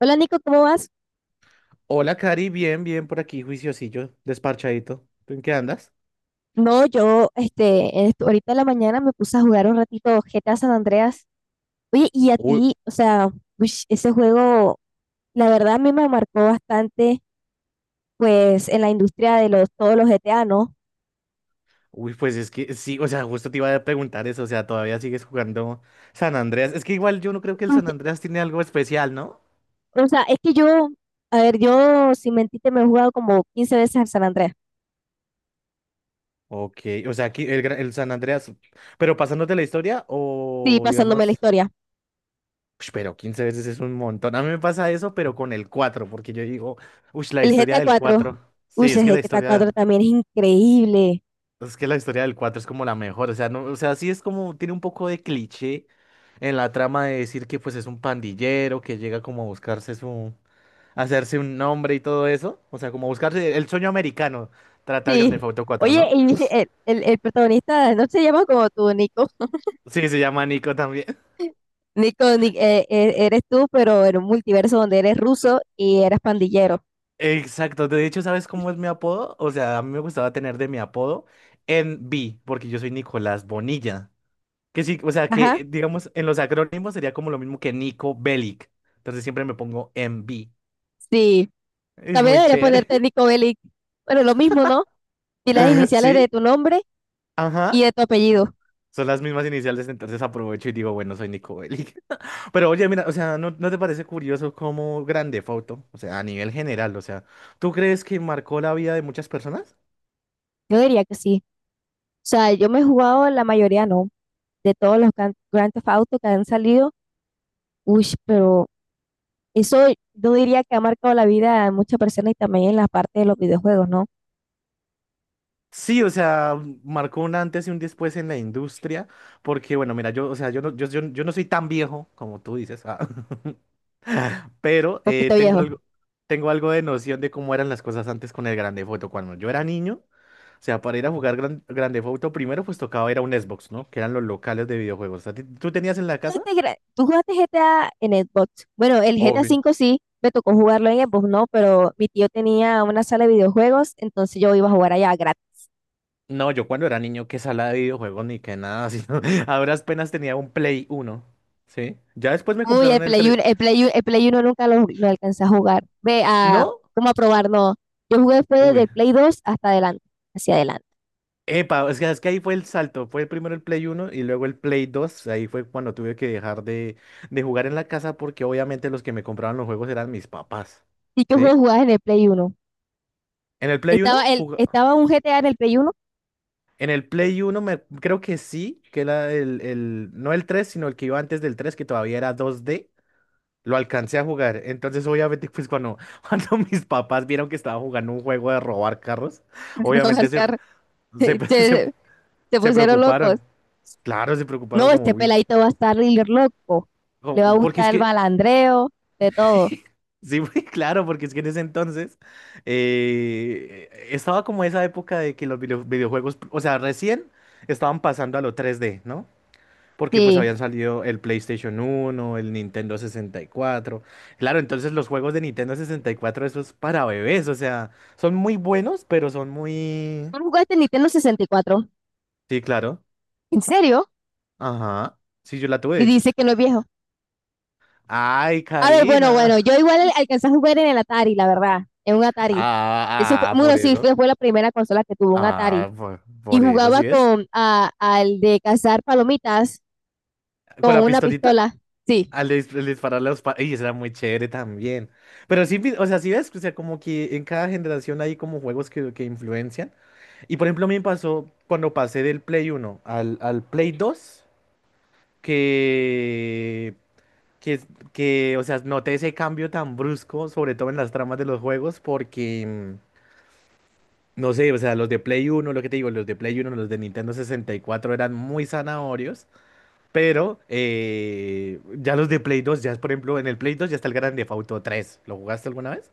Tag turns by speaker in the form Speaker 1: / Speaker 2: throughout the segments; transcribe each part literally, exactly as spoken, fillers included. Speaker 1: Hola Nico, ¿cómo vas?
Speaker 2: Hola, Cari, bien, bien por aquí, juiciosillo, desparchadito. ¿Tú en qué andas?
Speaker 1: No, yo este, en esto- ahorita en la mañana me puse a jugar un ratito G T A San Andreas. Oye, y a
Speaker 2: Uy,
Speaker 1: ti, o sea, uish, ese juego, la verdad a mí me marcó bastante, pues, en la industria de los, todos los G T A, ¿no?
Speaker 2: uy, pues es que sí, o sea, justo te iba a preguntar eso, o sea, todavía sigues jugando San Andreas. Es que igual yo no creo que el San Andreas tiene algo especial, ¿no?
Speaker 1: Uy, o sea, es que yo, a ver, yo, sin mentirte, me he jugado como quince veces al San Andreas.
Speaker 2: Ok, o sea, aquí el, gra- el San Andreas, pero pasándote la historia
Speaker 1: Sí,
Speaker 2: o
Speaker 1: pasándome la
Speaker 2: digamos,
Speaker 1: historia.
Speaker 2: ush, pero quince veces es un montón. A mí me pasa eso, pero con el cuatro porque yo digo, uy, la
Speaker 1: El
Speaker 2: historia
Speaker 1: G T A
Speaker 2: del
Speaker 1: cuatro,
Speaker 2: cuatro.
Speaker 1: uy,
Speaker 2: Sí, es
Speaker 1: el
Speaker 2: que la
Speaker 1: G T A cuatro
Speaker 2: historia.
Speaker 1: también es increíble.
Speaker 2: Es que la historia del cuatro es como la mejor, o sea, no, o sea, sí es como, tiene un poco de cliché en la trama de decir que pues es un pandillero que llega como a buscarse su, a hacerse un nombre y todo eso, o sea, como a buscarse el sueño americano, trata el Grand
Speaker 1: Sí.
Speaker 2: Theft Auto cuatro,
Speaker 1: Oye,
Speaker 2: ¿no?
Speaker 1: y el, el, el protagonista, ¿no se llama como tú, Nico?
Speaker 2: Sí, se llama Nico también.
Speaker 1: Nico, Ni- eh, eh, eres tú, pero en un multiverso donde eres ruso y eres pandillero.
Speaker 2: Exacto, de hecho, ¿sabes cómo es mi apodo? O sea, a mí me gustaba tener de mi apodo N B porque yo soy Nicolás Bonilla, que sí, o sea,
Speaker 1: Ajá,
Speaker 2: que digamos en los acrónimos sería como lo mismo que Nico Bellic, entonces siempre me pongo N B.
Speaker 1: sí.
Speaker 2: Es
Speaker 1: También
Speaker 2: muy
Speaker 1: debería
Speaker 2: chévere.
Speaker 1: ponerte Nico Bellic. Bueno, lo mismo, ¿no? Y las iniciales de
Speaker 2: Sí,
Speaker 1: tu nombre y
Speaker 2: ajá.
Speaker 1: de tu apellido.
Speaker 2: Son las mismas iniciales, entonces aprovecho y digo, bueno, soy Nico Bellic. Pero oye, mira, o sea, ¿no, no te parece curioso cómo grande foto. O sea, a nivel general, o sea, ¿tú crees que marcó la vida de muchas personas?
Speaker 1: Yo diría que sí. O sea, yo me he jugado la mayoría, no. De todos los gran- Grand Theft Auto que han salido. Uy, pero eso yo diría que ha marcado la vida de muchas personas y también en la parte de los videojuegos, ¿no?
Speaker 2: Sí, o sea, marcó un antes y un después en la industria, porque bueno, mira, yo, o sea, yo no, yo, yo, yo no soy tan viejo como tú dices, ah, pero eh,
Speaker 1: Poquito
Speaker 2: tengo
Speaker 1: viejo.
Speaker 2: algo, tengo algo de noción de cómo eran las cosas antes con el grande foto. Cuando yo era niño, o sea, para ir a jugar Gran, Grand Theft Auto primero, pues tocaba ir a un Xbox, ¿no? Que eran los locales de videojuegos. ¿A ti- ¿Tú tenías en la casa?
Speaker 1: jugaste gra- ¿Tú jugaste G T A en Xbox? Bueno, el G T A
Speaker 2: Obvio.
Speaker 1: cinco sí, me tocó jugarlo en Xbox, no, pero mi tío tenía una sala de videojuegos, entonces yo iba a jugar allá gratis.
Speaker 2: No, yo cuando era niño, qué sala de videojuegos ni qué nada, sino a duras penas tenía un Play Uno. ¿Sí? Ya después me
Speaker 1: Uy, el
Speaker 2: compraron el
Speaker 1: Play
Speaker 2: tres.
Speaker 1: 1, el Play 1, el Play uno nunca lo, lo alcancé a jugar. Ve a,
Speaker 2: ¿No?
Speaker 1: ¿cómo a probar? No, yo jugué después desde
Speaker 2: Uy.
Speaker 1: el Play dos hasta adelante, hacia adelante.
Speaker 2: Epa, es que, es que ahí fue el salto. Fue primero el Play Uno y luego el Play Dos. Ahí fue cuando tuve que dejar de, de jugar en la casa porque obviamente los que me compraban los juegos eran mis papás,
Speaker 1: ¿Y qué juego
Speaker 2: ¿sí?
Speaker 1: jugabas en el Play uno?
Speaker 2: ¿En el Play Uno?
Speaker 1: Estaba, el, estaba un G T A en el Play uno.
Speaker 2: En el Play uno me, creo que sí, que era el, el, no el tres sino el que iba antes del tres que todavía era dos D, lo alcancé a jugar. Entonces, obviamente, pues cuando, cuando mis papás vieron que estaba jugando un juego de robar carros,
Speaker 1: No,
Speaker 2: obviamente se,
Speaker 1: Oscar,
Speaker 2: se, se,
Speaker 1: se, se
Speaker 2: se
Speaker 1: pusieron locos.
Speaker 2: preocuparon. Claro, se preocuparon
Speaker 1: No,
Speaker 2: como
Speaker 1: este
Speaker 2: muy.
Speaker 1: peladito va a estar líder loco, le va a
Speaker 2: Como- porque es
Speaker 1: gustar el
Speaker 2: que,
Speaker 1: balandreo, de todo.
Speaker 2: sí, muy claro, porque es que en ese entonces eh, estaba como esa época de que los video- videojuegos, o sea, recién estaban pasando a lo tres D, ¿no? Porque pues
Speaker 1: Sí.
Speaker 2: habían salido el PlayStation uno, el Nintendo sesenta y cuatro. Claro, entonces los juegos de Nintendo sesenta y cuatro esos para bebés, o sea, son muy buenos, pero son muy.
Speaker 1: ¿Tú no jugaste en Nintendo sesenta y cuatro?
Speaker 2: Sí, claro.
Speaker 1: ¿En serio?
Speaker 2: Ajá. Sí, yo la
Speaker 1: Y
Speaker 2: tuve.
Speaker 1: dice que no es viejo.
Speaker 2: Ay,
Speaker 1: A ver, bueno,
Speaker 2: Karina.
Speaker 1: bueno, yo igual al- alcancé a jugar en el Atari, la verdad, en un Atari. Eso fue,
Speaker 2: Ah, ah, por
Speaker 1: bueno, sí,
Speaker 2: eso.
Speaker 1: fue, fue la primera consola que tuvo un Atari.
Speaker 2: Ah, por,
Speaker 1: Y
Speaker 2: por eso,
Speaker 1: jugaba
Speaker 2: ¿sí ves?
Speaker 1: con a- al de cazar palomitas
Speaker 2: Con
Speaker 1: con
Speaker 2: la
Speaker 1: una
Speaker 2: pistolita,
Speaker 1: pistola. Sí,
Speaker 2: al, dis- al dispararle a los. pa- Y eso era muy chévere también. Pero sí, vi- o sea, sí ves, o sea, como que en cada generación hay como juegos que, que influencian. Y por ejemplo, a mí me pasó cuando pasé del Play uno al, al Play dos que, que, que, o sea, noté ese cambio tan brusco, sobre todo en las tramas de los juegos, porque, mm, no sé, o sea, los de Play uno lo que te digo, los de Play uno los de Nintendo sesenta y cuatro eran muy zanahorios, pero eh, ya los de Play dos ya es, por ejemplo, en el Play dos ya está el Grand Theft Auto tres. ¿Lo jugaste alguna vez?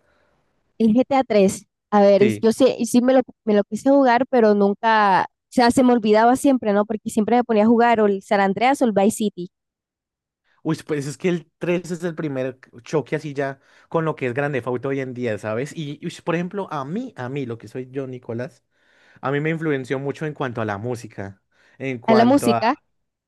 Speaker 1: el G T A tres. A tres. A ver, es-
Speaker 2: Sí.
Speaker 1: yo sí, y sí me lo, me lo quise jugar, pero nunca, o sea, se me olvidaba siempre, ¿no? Porque siempre me ponía a jugar o el San Andreas o el Vice City
Speaker 2: Uy, pues es que el tres es el primer choque así ya con lo que es Grand Theft Auto hoy en día, ¿sabes? Y, ush, por ejemplo, a mí, a mí, lo que soy yo, Nicolás, a mí me influenció mucho en cuanto a la música. En
Speaker 1: a la
Speaker 2: cuanto a,
Speaker 1: música.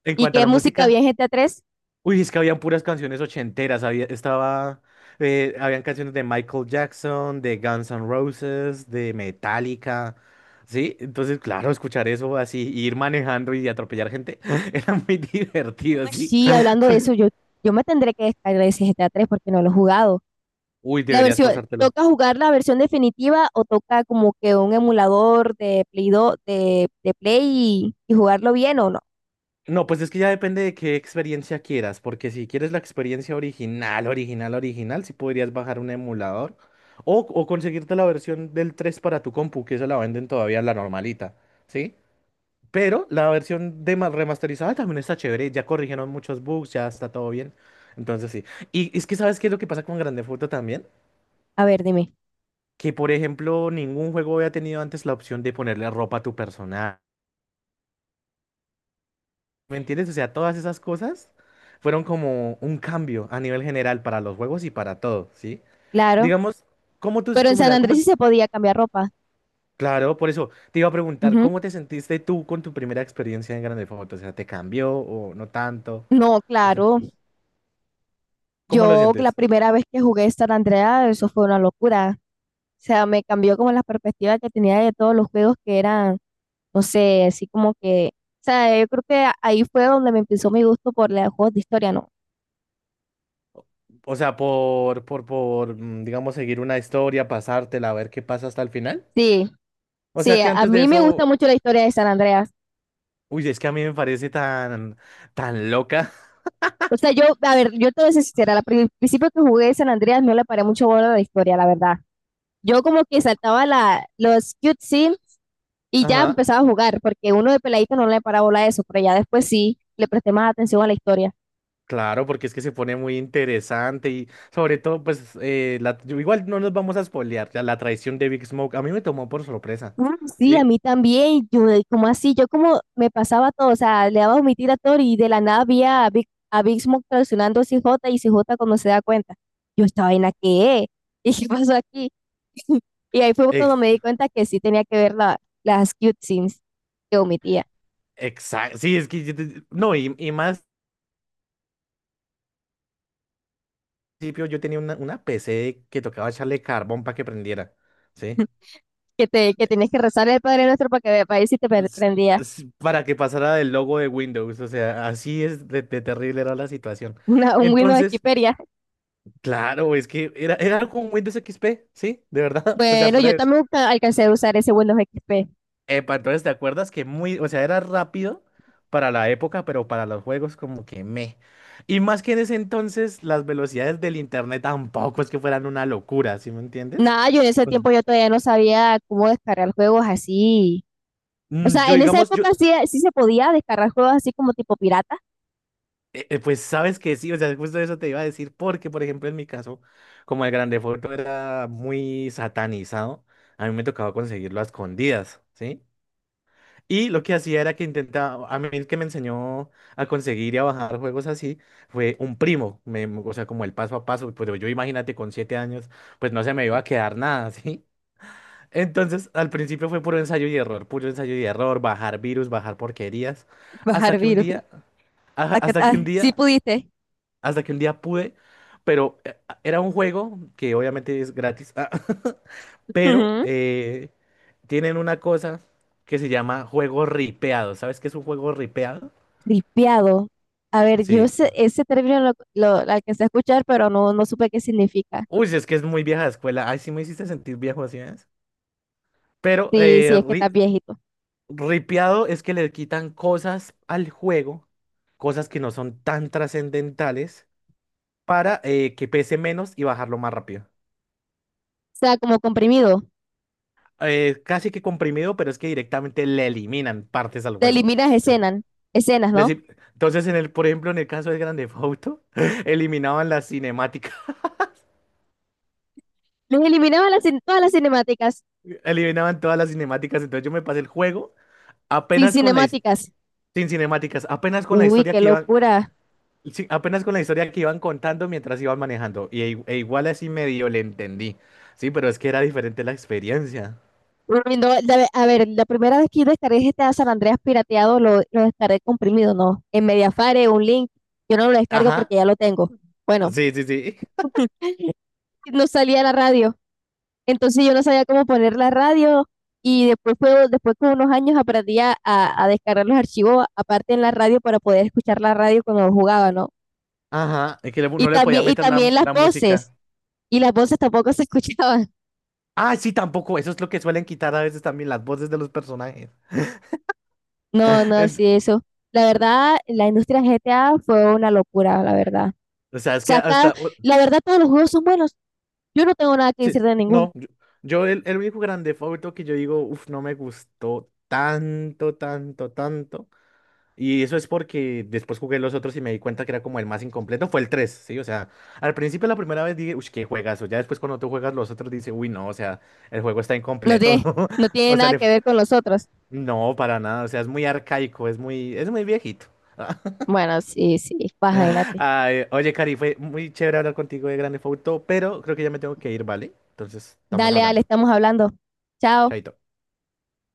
Speaker 2: en
Speaker 1: ¿Y
Speaker 2: cuanto a
Speaker 1: qué
Speaker 2: la
Speaker 1: música había
Speaker 2: música,
Speaker 1: en G T A tres?
Speaker 2: uy, es que habían puras canciones ochenteras, había, estaba, eh, habían canciones de Michael Jackson, de Guns N' Roses, de Metallica, ¿sí? Entonces, claro, escuchar eso así, ir manejando y atropellar gente, era muy divertido, ¿sí?
Speaker 1: Sí, hablando de eso, yo, yo me tendré que descargar ese G T A tres porque no lo he jugado.
Speaker 2: Uy,
Speaker 1: La
Speaker 2: deberías
Speaker 1: versión,
Speaker 2: pasártelo.
Speaker 1: ¿toca jugar la versión definitiva o toca como que un emulador de Play do de, de Play y, y jugarlo bien o no?
Speaker 2: No, pues es que ya depende de qué experiencia quieras, porque si quieres la experiencia original, original, original, sí podrías bajar un emulador o, o conseguirte la versión del tres para tu compu, que esa la venden todavía la normalita, ¿sí? Pero la versión de ma- remasterizada también está chévere, ya corrigieron muchos bugs, ya está todo bien, entonces sí. Y es que, ¿sabes qué es lo que pasa con Grand Theft Auto también?
Speaker 1: A ver, dime.
Speaker 2: Que, por ejemplo, ningún juego había tenido antes la opción de ponerle ropa a tu personaje. ¿Me entiendes? O sea, todas esas cosas fueron como un cambio a nivel general para los juegos y para todo, ¿sí?
Speaker 1: Claro.
Speaker 2: Digamos, ¿cómo tú,
Speaker 1: Pero en
Speaker 2: cómo, o
Speaker 1: San
Speaker 2: sea, cómo?
Speaker 1: Andrés sí se podía cambiar ropa.
Speaker 2: Claro, por eso te iba a preguntar,
Speaker 1: Ujú.
Speaker 2: ¿cómo te sentiste tú con tu primera experiencia en Grande Foto? O sea, ¿te cambió o no tanto?
Speaker 1: No,
Speaker 2: O sea,
Speaker 1: claro.
Speaker 2: ¿cómo lo
Speaker 1: Yo la
Speaker 2: sientes?
Speaker 1: primera vez que jugué San Andreas, eso fue una locura. O sea, me cambió como las perspectivas que tenía de todos los juegos que eran no sé, así como que, o sea, yo creo que ahí fue donde me empezó mi gusto por los juegos de historia, ¿no?
Speaker 2: O sea, por, por, por, mm, digamos, seguir una historia, pasártela, a ver qué pasa hasta el final.
Speaker 1: Sí,
Speaker 2: O sea,
Speaker 1: sí,
Speaker 2: que
Speaker 1: a
Speaker 2: antes de
Speaker 1: mí me gusta
Speaker 2: eso,
Speaker 1: mucho la historia de San Andreas.
Speaker 2: uy, es que a mí me parece tan, tan loca.
Speaker 1: O sea, yo, a ver, yo te voy a ser sincera, al pri- principio que jugué de San Andreas no le paré mucho bola a la historia, la verdad. Yo como que saltaba la, los cutscenes y ya
Speaker 2: Ajá.
Speaker 1: empezaba a jugar, porque uno de peladito no le paraba bola a eso, pero ya después sí le presté más atención a la historia.
Speaker 2: Claro, porque es que se pone muy interesante y sobre todo, pues, eh, la- yo- igual no nos vamos a spoilear, ya la traición de Big Smoke a mí me tomó por sorpresa,
Speaker 1: Uh, sí, a
Speaker 2: ¿sí?
Speaker 1: mí también. Yo, de- ¿cómo así? Yo como me pasaba todo, o sea, le daba omitir a Thor y de la nada había a Big, a Big Smoke traicionando a C J y C J cuando se da cuenta. Yo, ¿esta vaina qué es? ¿Y qué pasó aquí? Y ahí fue cuando me
Speaker 2: Ex-
Speaker 1: di cuenta que sí tenía que ver la, las cute scenes que omitía.
Speaker 2: exacto, sí, es que, yo te- no, y, y más, al principio yo tenía una, una P C que tocaba echarle carbón para que prendiera, ¿sí?
Speaker 1: Que, te, que tenías que rezar el Padre Nuestro para que para ver si te pre-
Speaker 2: Es-
Speaker 1: prendía
Speaker 2: es Para que pasara del logo de Windows, o sea, así es de, de terrible era la situación.
Speaker 1: una, un Windows
Speaker 2: Entonces,
Speaker 1: X P ya.
Speaker 2: claro, es que era, era con Windows X P, ¿sí? De verdad, o sea,
Speaker 1: Bueno,
Speaker 2: fuera
Speaker 1: yo
Speaker 2: de.
Speaker 1: también alca- alcancé a usar ese Windows X P.
Speaker 2: Epa, entonces, ¿te acuerdas? Que muy, o sea, era rápido para la época, pero para los juegos como que me. Y más que en ese entonces, las velocidades del internet tampoco es que fueran una locura, ¿sí me entiendes?
Speaker 1: Nada, yo en ese
Speaker 2: Pues,
Speaker 1: tiempo yo todavía no sabía cómo descargar juegos así. O
Speaker 2: mm,
Speaker 1: sea,
Speaker 2: yo,
Speaker 1: en esa
Speaker 2: digamos, yo,
Speaker 1: época sí, sí se podía descargar juegos así como tipo pirata.
Speaker 2: eh, eh, pues sabes que sí, o sea, justo eso te iba a decir, porque, por ejemplo, en mi caso, como el grande foto era muy satanizado, a mí me tocaba conseguirlo a escondidas, ¿sí? Y lo que hacía era que intentaba, a mí el que me enseñó a conseguir y a bajar juegos así fue un primo, me- o sea, como el paso a paso, pero yo imagínate con siete años, pues no se me iba a quedar nada, ¿sí? Entonces, al principio fue puro ensayo y error, puro ensayo y error, bajar virus, bajar porquerías, hasta
Speaker 1: Bajar
Speaker 2: que un
Speaker 1: virus.
Speaker 2: día, a-
Speaker 1: Acá,
Speaker 2: hasta que
Speaker 1: ah,
Speaker 2: un
Speaker 1: sí
Speaker 2: día,
Speaker 1: pudiste.
Speaker 2: hasta que un día pude, pero eh, era un juego que obviamente es gratis, pero
Speaker 1: Ujú.
Speaker 2: eh, tienen una cosa que se llama juego ripeado. ¿Sabes qué es un juego ripeado?
Speaker 1: Ripiado. A ver, yo
Speaker 2: Sí.
Speaker 1: ese, ese término lo, lo- lo alcancé a escuchar, pero no, no supe qué significa.
Speaker 2: Uy, si es que es muy vieja de escuela. Ay, sí me hiciste sentir viejo así, ¿ves? Pero
Speaker 1: Sí, sí,
Speaker 2: eh,
Speaker 1: es que estás
Speaker 2: ri-
Speaker 1: viejito. O
Speaker 2: ripeado es que le quitan cosas al juego, cosas que no son tan trascendentales, para eh, que pese menos y bajarlo más rápido.
Speaker 1: sea, como comprimido.
Speaker 2: Eh, casi que comprimido, pero es que directamente le eliminan partes al
Speaker 1: Te
Speaker 2: juego.
Speaker 1: eliminas escenas, escenas, ¿no?
Speaker 2: Les Entonces, en el, por ejemplo, en el caso de Grande Auto, eliminaban las cinemáticas,
Speaker 1: Les eliminaba las, cin- todas las cinemáticas.
Speaker 2: eliminaban todas las cinemáticas. Entonces yo me pasé el juego
Speaker 1: Sin
Speaker 2: apenas con la his-
Speaker 1: cinemáticas.
Speaker 2: sin cinemáticas, apenas con la
Speaker 1: Uy,
Speaker 2: historia
Speaker 1: qué
Speaker 2: que iban,
Speaker 1: locura.
Speaker 2: sí, apenas con la historia que iban contando mientras iban manejando. Y i- e igual así medio le entendí. Sí, pero es que era diferente la experiencia.
Speaker 1: Uy, no, la- a ver, la primera vez que yo descargué G T A San Andreas pirateado, lo, lo descargué comprimido, no. En Mediafire, un link, yo no lo descargo porque
Speaker 2: Ajá.
Speaker 1: ya lo tengo. Bueno,
Speaker 2: Sí, sí, sí.
Speaker 1: no salía la radio, entonces yo no sabía cómo poner la radio y después, fue, después con unos años aprendí a, a- a descargar los archivos aparte en la radio para poder escuchar la radio cuando jugaba, ¿no?
Speaker 2: Ajá. Es que le-
Speaker 1: Y
Speaker 2: no le podía
Speaker 1: también, y
Speaker 2: meter la,
Speaker 1: también las
Speaker 2: la
Speaker 1: voces,
Speaker 2: música.
Speaker 1: y las voces tampoco se escuchaban.
Speaker 2: Ah, sí, tampoco. Eso es lo que suelen quitar a veces también las voces de los personajes.
Speaker 1: No, no,
Speaker 2: Ent-
Speaker 1: sí, eso. La verdad, la industria G T A fue una locura, la verdad.
Speaker 2: o sea, es que
Speaker 1: sea, cada-
Speaker 2: hasta.
Speaker 1: la verdad todos los juegos son buenos. Yo no tengo nada que
Speaker 2: Sí,
Speaker 1: decir de ninguno.
Speaker 2: no, yo, yo el, el único grande favorito que yo digo, uff, no me gustó tanto, tanto, tanto. Y eso es porque después jugué los otros y me di cuenta que era como el más incompleto, fue el tres, ¿sí? O sea, al principio la primera vez dije, uff, qué juegazo. Ya después cuando tú juegas los otros dices, uy, no, o sea, el juego está
Speaker 1: No
Speaker 2: incompleto.
Speaker 1: tiene, no tiene
Speaker 2: O sea,
Speaker 1: nada
Speaker 2: le.
Speaker 1: que ver con los otros.
Speaker 2: No, para nada, o sea, es muy arcaico, es muy, es muy viejito.
Speaker 1: Bueno, sí, sí, pues, imagínate.
Speaker 2: Ay, oye, Cari, fue muy chévere hablar contigo de Grande Auto, pero creo que ya me tengo que ir, ¿vale? Entonces, estamos
Speaker 1: Dale, Ale,
Speaker 2: hablando.
Speaker 1: estamos hablando. Chao.
Speaker 2: Chaito.